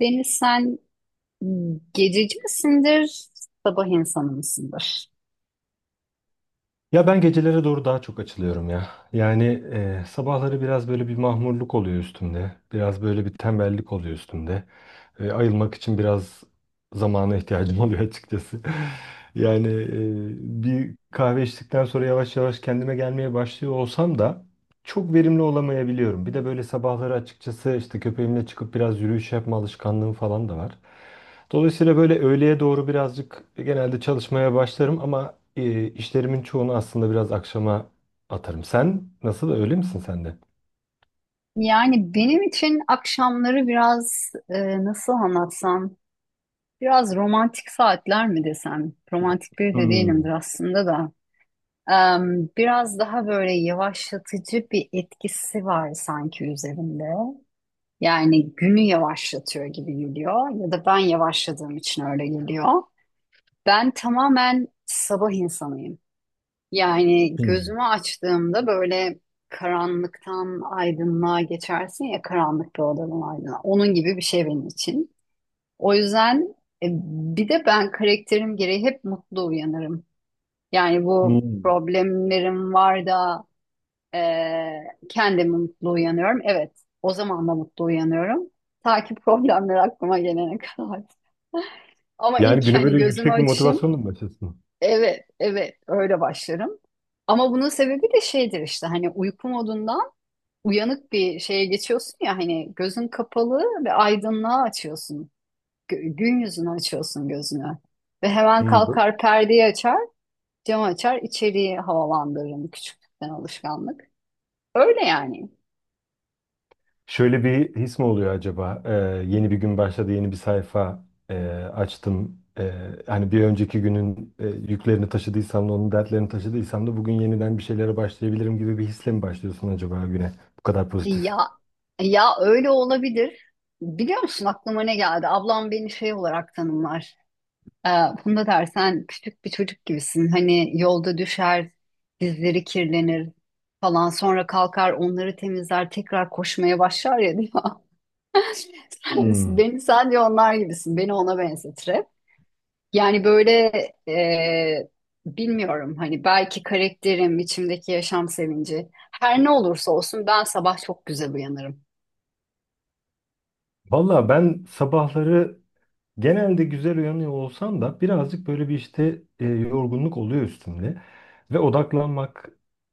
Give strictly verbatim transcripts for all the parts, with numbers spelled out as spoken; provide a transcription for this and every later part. Deniz sen gececi misindir, sabah insanı mısındır? Ya ben gecelere doğru daha çok açılıyorum ya. Yani e, sabahları biraz böyle bir mahmurluk oluyor üstümde. Biraz böyle bir tembellik oluyor üstümde. E, ayılmak için biraz zamana ihtiyacım oluyor açıkçası. Yani e, bir kahve içtikten sonra yavaş yavaş kendime gelmeye başlıyor olsam da çok verimli olamayabiliyorum. Bir de böyle sabahları açıkçası işte köpeğimle çıkıp biraz yürüyüş yapma alışkanlığım falan da var. Dolayısıyla böyle öğleye doğru birazcık genelde çalışmaya başlarım ama e, işlerimin çoğunu aslında biraz akşama atarım. Sen nasıl öyle misin sen de? Yani benim için akşamları biraz e, nasıl anlatsam, biraz romantik saatler mi desem? Romantik biri de değilimdir Hmm. aslında da. Em, biraz daha böyle yavaşlatıcı bir etkisi var sanki üzerinde. Yani günü yavaşlatıyor gibi geliyor ya da ben yavaşladığım için öyle geliyor. Ben tamamen sabah insanıyım. Yani Hmm. gözümü açtığımda böyle karanlıktan aydınlığa geçersin ya karanlık bir odadan aydınlığa. Onun gibi bir şey benim için. O yüzden e, bir de ben karakterim gereği hep mutlu uyanırım. Yani bu Hmm. problemlerim var da e, kendimi mutlu uyanıyorum. Evet, o zaman da mutlu uyanıyorum. Ta ki problemler aklıma gelene kadar. Ama Yani ilk güne hani böyle gözümü yüksek bir açışım. motivasyonla mı başlasın? Evet, evet öyle başlarım. Ama bunun sebebi de şeydir işte hani uyku modundan uyanık bir şeye geçiyorsun ya hani gözün kapalı ve aydınlığa açıyorsun. Gö- Gün yüzünü açıyorsun gözünü. Ve hemen Hmm. kalkar perdeyi açar, camı açar, içeriği havalandırırım küçüklükten alışkanlık. Öyle yani. Şöyle bir his mi oluyor acaba? Ee, yeni bir gün başladı, yeni bir sayfa e, açtım. Ee, hani bir önceki günün e, yüklerini taşıdıysam da onun dertlerini taşıdıysam da bugün yeniden bir şeylere başlayabilirim gibi bir hisle mi başlıyorsun acaba güne? Bu kadar E pozitif. Ya e ya öyle olabilir. Biliyor musun aklıma ne geldi? Ablam beni şey olarak tanımlar. Ee, Funda der sen küçük bir çocuk gibisin. Hani yolda düşer, dizleri kirlenir falan. Sonra kalkar onları temizler, tekrar koşmaya başlar ya diyor. Hmm. Beni sen diyor onlar gibisin. Beni ona benzetir hep. Yani böyle e, bilmiyorum hani belki karakterim, içimdeki yaşam sevinci. Her ne olursa olsun ben sabah çok güzel uyanırım. Valla ben sabahları genelde güzel uyanıyor olsam da birazcık böyle bir işte e, yorgunluk oluyor üstümde. Ve odaklanmak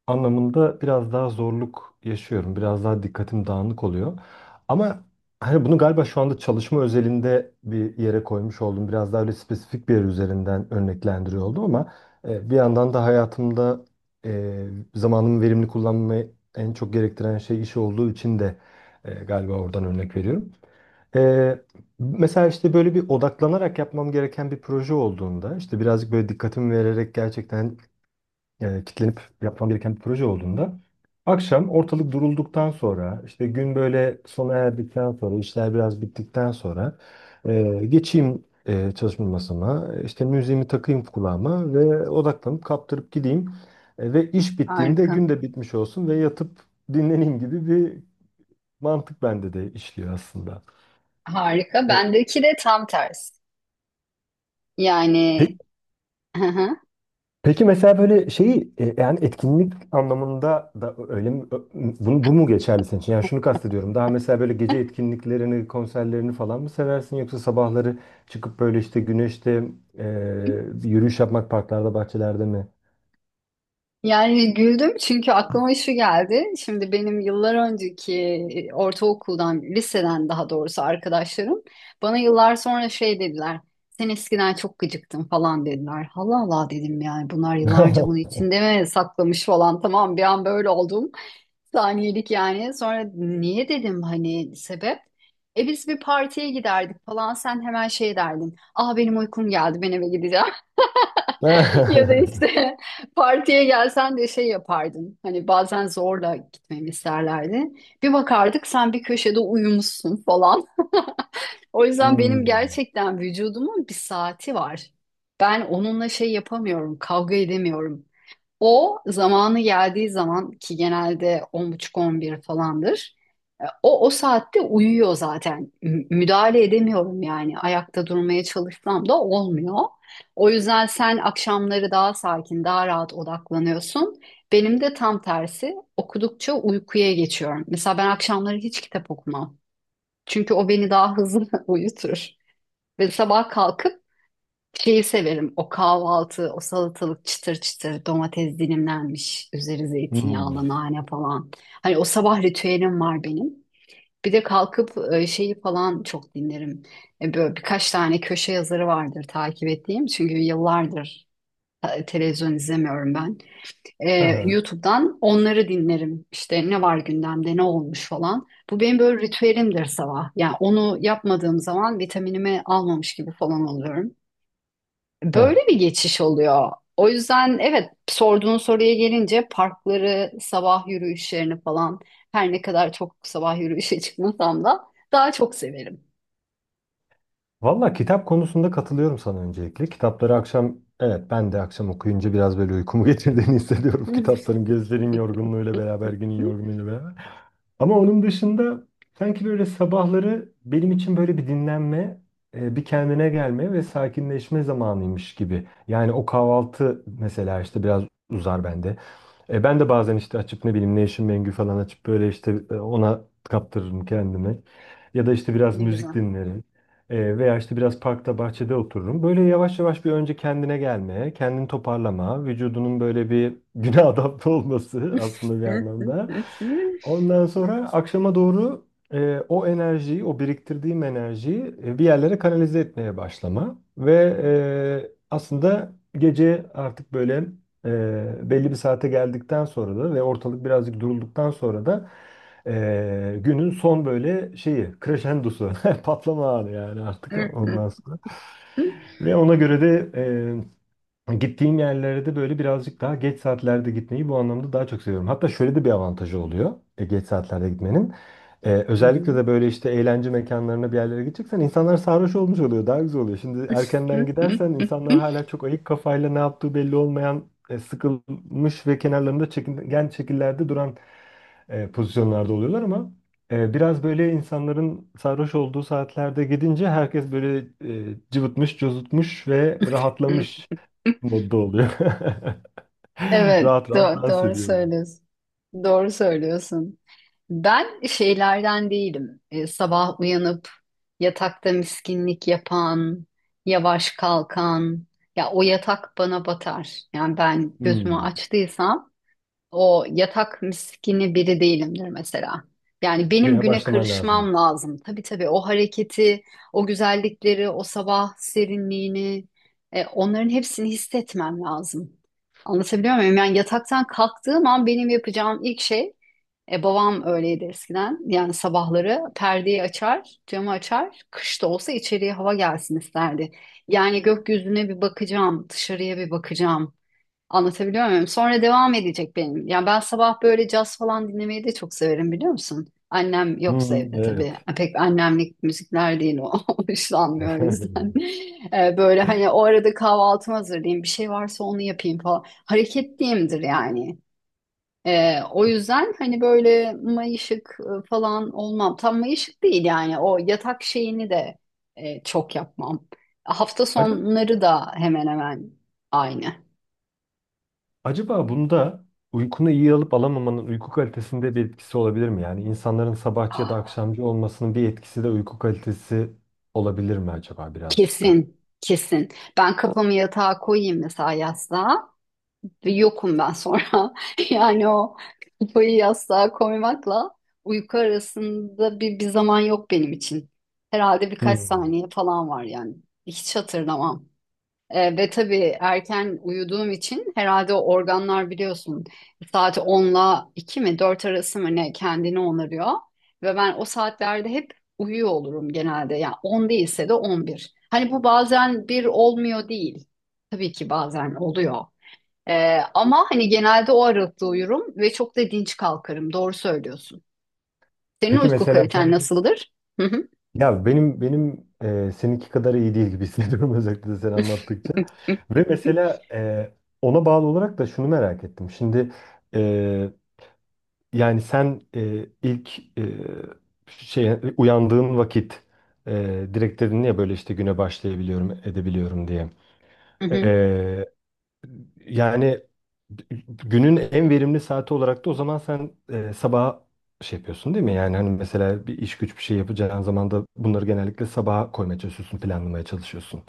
anlamında biraz daha zorluk yaşıyorum. Biraz daha dikkatim dağınık oluyor. Ama hani bunu galiba şu anda çalışma özelinde bir yere koymuş oldum. Biraz daha öyle spesifik bir yer üzerinden örneklendiriyor oldum ama e, bir yandan da hayatımda e, zamanımı verimli kullanmayı en çok gerektiren şey iş olduğu için de e, galiba oradan örnek veriyorum. Ee, mesela işte böyle bir odaklanarak yapmam gereken bir proje olduğunda, işte birazcık böyle dikkatimi vererek gerçekten e, kitlenip yapmam gereken bir proje olduğunda, akşam ortalık durulduktan sonra, işte gün böyle sona erdikten sonra, işler biraz bittikten sonra e, geçeyim e, çalışma masama, işte müziğimi takayım kulağıma ve odaklanıp kaptırıp gideyim. E, ve iş bittiğinde Harika. gün de bitmiş olsun ve yatıp dinleneyim gibi bir mantık bende de işliyor aslında. Harika. E, Bendeki de tam tersi. Yani Peki Peki mesela böyle şeyi e, yani etkinlik anlamında da öyle mi? Ö- Bu, bu mu geçerli senin için? Yani şunu kastediyorum. Daha mesela böyle gece etkinliklerini, konserlerini falan mı seversin yoksa sabahları çıkıp böyle işte güneşte e, yürüyüş yapmak parklarda, bahçelerde mi? Yani güldüm çünkü aklıma şu geldi. Şimdi benim yıllar önceki e, ortaokuldan, liseden daha doğrusu arkadaşlarım bana yıllar sonra şey dediler. Sen eskiden çok gıcıktın falan dediler. Allah Allah dedim yani bunlar yıllarca bunu içinde mi saklamış falan. Tamam bir an böyle oldum. Saniyelik yani. Sonra niye dedim hani sebep? E biz bir partiye giderdik falan sen hemen şey derdin. Aa benim uykum geldi ben eve gideceğim. Ya da işte partiye gelsen de şey yapardın. Hani bazen zorla gitmemi isterlerdi. Bir bakardık sen bir köşede uyumuşsun falan. O yüzden benim Hmm. gerçekten vücudumun bir saati var. Ben onunla şey yapamıyorum, kavga edemiyorum. O zamanı geldiği zaman ki genelde on buçuk-on bir falandır. e, O o saatte uyuyor zaten. M- Müdahale edemiyorum yani. Ayakta durmaya çalışsam da olmuyor. O yüzden sen akşamları daha sakin, daha rahat odaklanıyorsun. Benim de tam tersi. Okudukça uykuya geçiyorum. Mesela ben akşamları hiç kitap okumam. Çünkü o beni daha hızlı uyutur. Ve sabah kalkıp şeyi severim. O kahvaltı, o salatalık çıtır çıtır, domates dilimlenmiş, üzeri Hmm. zeytinyağlı, nane falan. Hani o sabah ritüelim var benim. Bir de kalkıp e, şeyi falan çok dinlerim. E, Böyle birkaç tane köşe yazarı vardır takip ettiğim. Çünkü yıllardır e, televizyon izlemiyorum ben. E, Aha. YouTube'dan onları dinlerim. İşte ne var gündemde, ne olmuş falan. Bu benim böyle ritüelimdir sabah. Yani onu yapmadığım zaman vitaminimi almamış gibi falan oluyorum. Böyle bir geçiş oluyor. O yüzden evet sorduğun soruya gelince parkları, sabah yürüyüşlerini falan her ne kadar çok sabah yürüyüşe çıkmasam da daha çok severim. Valla kitap konusunda katılıyorum sana öncelikle. Kitapları akşam, evet ben de akşam okuyunca biraz böyle uykumu getirdiğini hissediyorum. Kitapların gözlerin yorgunluğuyla beraber, günün yorgunluğuyla beraber. Ama onun dışında sanki böyle sabahları benim için böyle bir dinlenme, e, bir kendine gelme ve sakinleşme zamanıymış gibi. Yani o kahvaltı mesela işte biraz uzar bende. E, ben de bazen işte açıp ne bileyim Nation Mengü falan açıp böyle işte e, ona kaptırırım kendimi. Ya da işte biraz Ne müzik güzel. dinlerim. E, veya işte biraz parkta bahçede otururum. Böyle yavaş yavaş bir önce kendine gelmeye, kendini toparlama, vücudunun böyle bir güne adapte olması aslında bir anlamda. Ondan sonra akşama doğru e, o enerjiyi, o biriktirdiğim enerjiyi e, bir yerlere kanalize etmeye başlama. Ve e, aslında gece artık böyle Eee, belli bir saate geldikten sonra da ve ortalık birazcık durulduktan sonra da eee, günün son böyle şeyi, crescendosu, patlama anı yani artık ondan sonra. Ve ona göre de eee, gittiğim yerlere de böyle birazcık daha geç saatlerde gitmeyi bu anlamda daha çok seviyorum. Hatta şöyle de bir avantajı oluyor e, geç saatlerde gitmenin. Ee, özellikle de böyle işte eğlence mekanlarına bir yerlere gideceksen insanlar sarhoş olmuş oluyor. Daha güzel oluyor. Şimdi erkenden gidersen insanlar hala çok ayık kafayla ne yaptığı belli olmayan e, sıkılmış ve kenarlarında çekingen şekillerde duran e, pozisyonlarda oluyorlar ama e, biraz böyle insanların sarhoş olduğu saatlerde gidince herkes böyle e, cıvıtmış, cozutmuş ve rahatlamış modda oluyor. Rahat Evet, rahat do- dans doğru ediyor. söylüyorsun. Doğru söylüyorsun. Ben şeylerden değilim. E, sabah uyanıp yatakta miskinlik yapan, yavaş kalkan. Ya o yatak bana batar. Yani ben gözümü Hmm. açtıysam o yatak miskini biri değilimdir mesela. Yani benim Güne güne başlaman karışmam lazım. lazım. Tabii tabii o hareketi, o güzellikleri, o sabah serinliğini, e, onların hepsini hissetmem lazım. Anlatabiliyor muyum? Yani yataktan kalktığım an benim yapacağım ilk şey, e, babam öyleydi eskiden. Yani sabahları perdeyi açar, camı açar, kış da olsa içeriye hava gelsin isterdi. Yani gökyüzüne bir bakacağım, dışarıya bir bakacağım. Anlatabiliyor muyum? Sonra devam edecek benim. Ya ben sabah böyle caz falan dinlemeyi de çok severim biliyor musun? Annem yoksa Hmm, evde tabii. evet. Pek annemlik müzikler değil o. Hoşlanmıyor o yüzden. Ee, böyle hani o arada kahvaltımı hazırlayayım. Bir şey varsa onu yapayım falan. Hareketliyimdir yani. Ee, o yüzden hani böyle mayışık e, falan olmam. Tam mayışık değil yani. O yatak şeyini de e, çok yapmam. Hafta Acaba, sonları da hemen hemen aynı. acaba bunda uykunu iyi alıp alamamanın uyku kalitesinde bir etkisi olabilir mi? Yani insanların sabahçı ya da akşamcı olmasının bir etkisi de uyku kalitesi olabilir mi acaba birazcık da? Kesin, kesin. Ben kafamı yatağa koyayım mesela yastığa ve yokum ben sonra. Yani o kafayı yastığa koymakla uyku arasında bir, bir zaman yok benim için. Herhalde birkaç Hmm. saniye falan var yani. Hiç hatırlamam. E, ve tabii erken uyuduğum için herhalde o organlar biliyorsun saat onla iki mi dört arası mı ne kendini onarıyor. Ve ben o saatlerde hep uyuyor olurum genelde. Yani on değilse de on bir. Hani bu bazen bir olmuyor değil. Tabii ki bazen oluyor. E, ama hani genelde o aralıkta uyurum ve çok da dinç kalkarım. Doğru söylüyorsun. Senin Peki uyku mesela kaliten sence nasıldır? Hı hı. ya benim benim e, seninki kadar iyi değil gibi hissediyorum özellikle sen anlattıkça. Ve mesela e, ona bağlı olarak da şunu merak ettim. Şimdi e, yani sen e, ilk e, şey uyandığın vakit e, direkt dedin ya böyle işte güne başlayabiliyorum, edebiliyorum diye. Hı hı. E, yani günün en verimli saati olarak da o zaman sen e, sabah şey yapıyorsun değil mi? Yani hani mesela bir iş güç bir şey yapacağın zaman da bunları genellikle sabaha koymaya çalışıyorsun, planlamaya çalışıyorsun.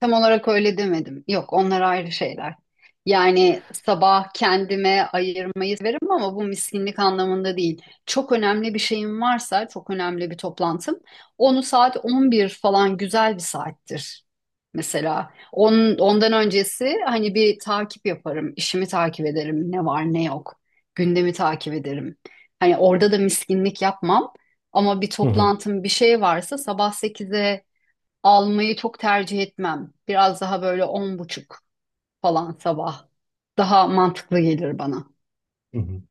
Tam olarak öyle demedim. Yok, onlar ayrı şeyler. Yani sabah kendime ayırmayı severim ama bu miskinlik anlamında değil. Çok önemli bir şeyim varsa, çok önemli bir toplantım, onu saat on bir falan güzel bir saattir. Mesela on ondan öncesi hani bir takip yaparım, işimi takip ederim, ne var ne yok, gündemi takip ederim. Hani orada da miskinlik yapmam ama bir Hı hı. toplantım bir şey varsa sabah sekize almayı çok tercih etmem. Biraz daha böyle on buçuk falan sabah. Daha mantıklı gelir bana. Hı hı.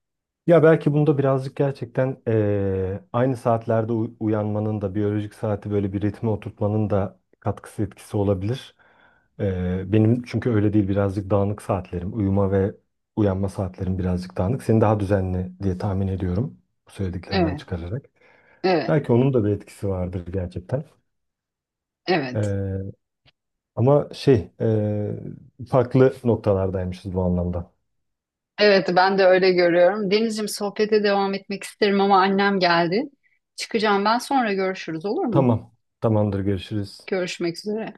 Ya belki bunda birazcık gerçekten eee, aynı saatlerde u- uyanmanın da biyolojik saati böyle bir ritme oturtmanın da katkısı etkisi olabilir. Eee, benim çünkü öyle değil birazcık dağınık saatlerim. Uyuma ve uyanma saatlerim birazcık dağınık. Senin daha düzenli diye tahmin ediyorum bu söylediklerinden Evet, çıkararak. evet, Belki onun da bir etkisi vardır gerçekten. evet. Eee, ama şey eee, farklı noktalardaymışız bu anlamda. Evet, ben de öyle görüyorum. Denizciğim sohbete devam etmek isterim ama annem geldi. Çıkacağım ben sonra görüşürüz olur mu? Tamam, tamamdır görüşürüz. Görüşmek üzere.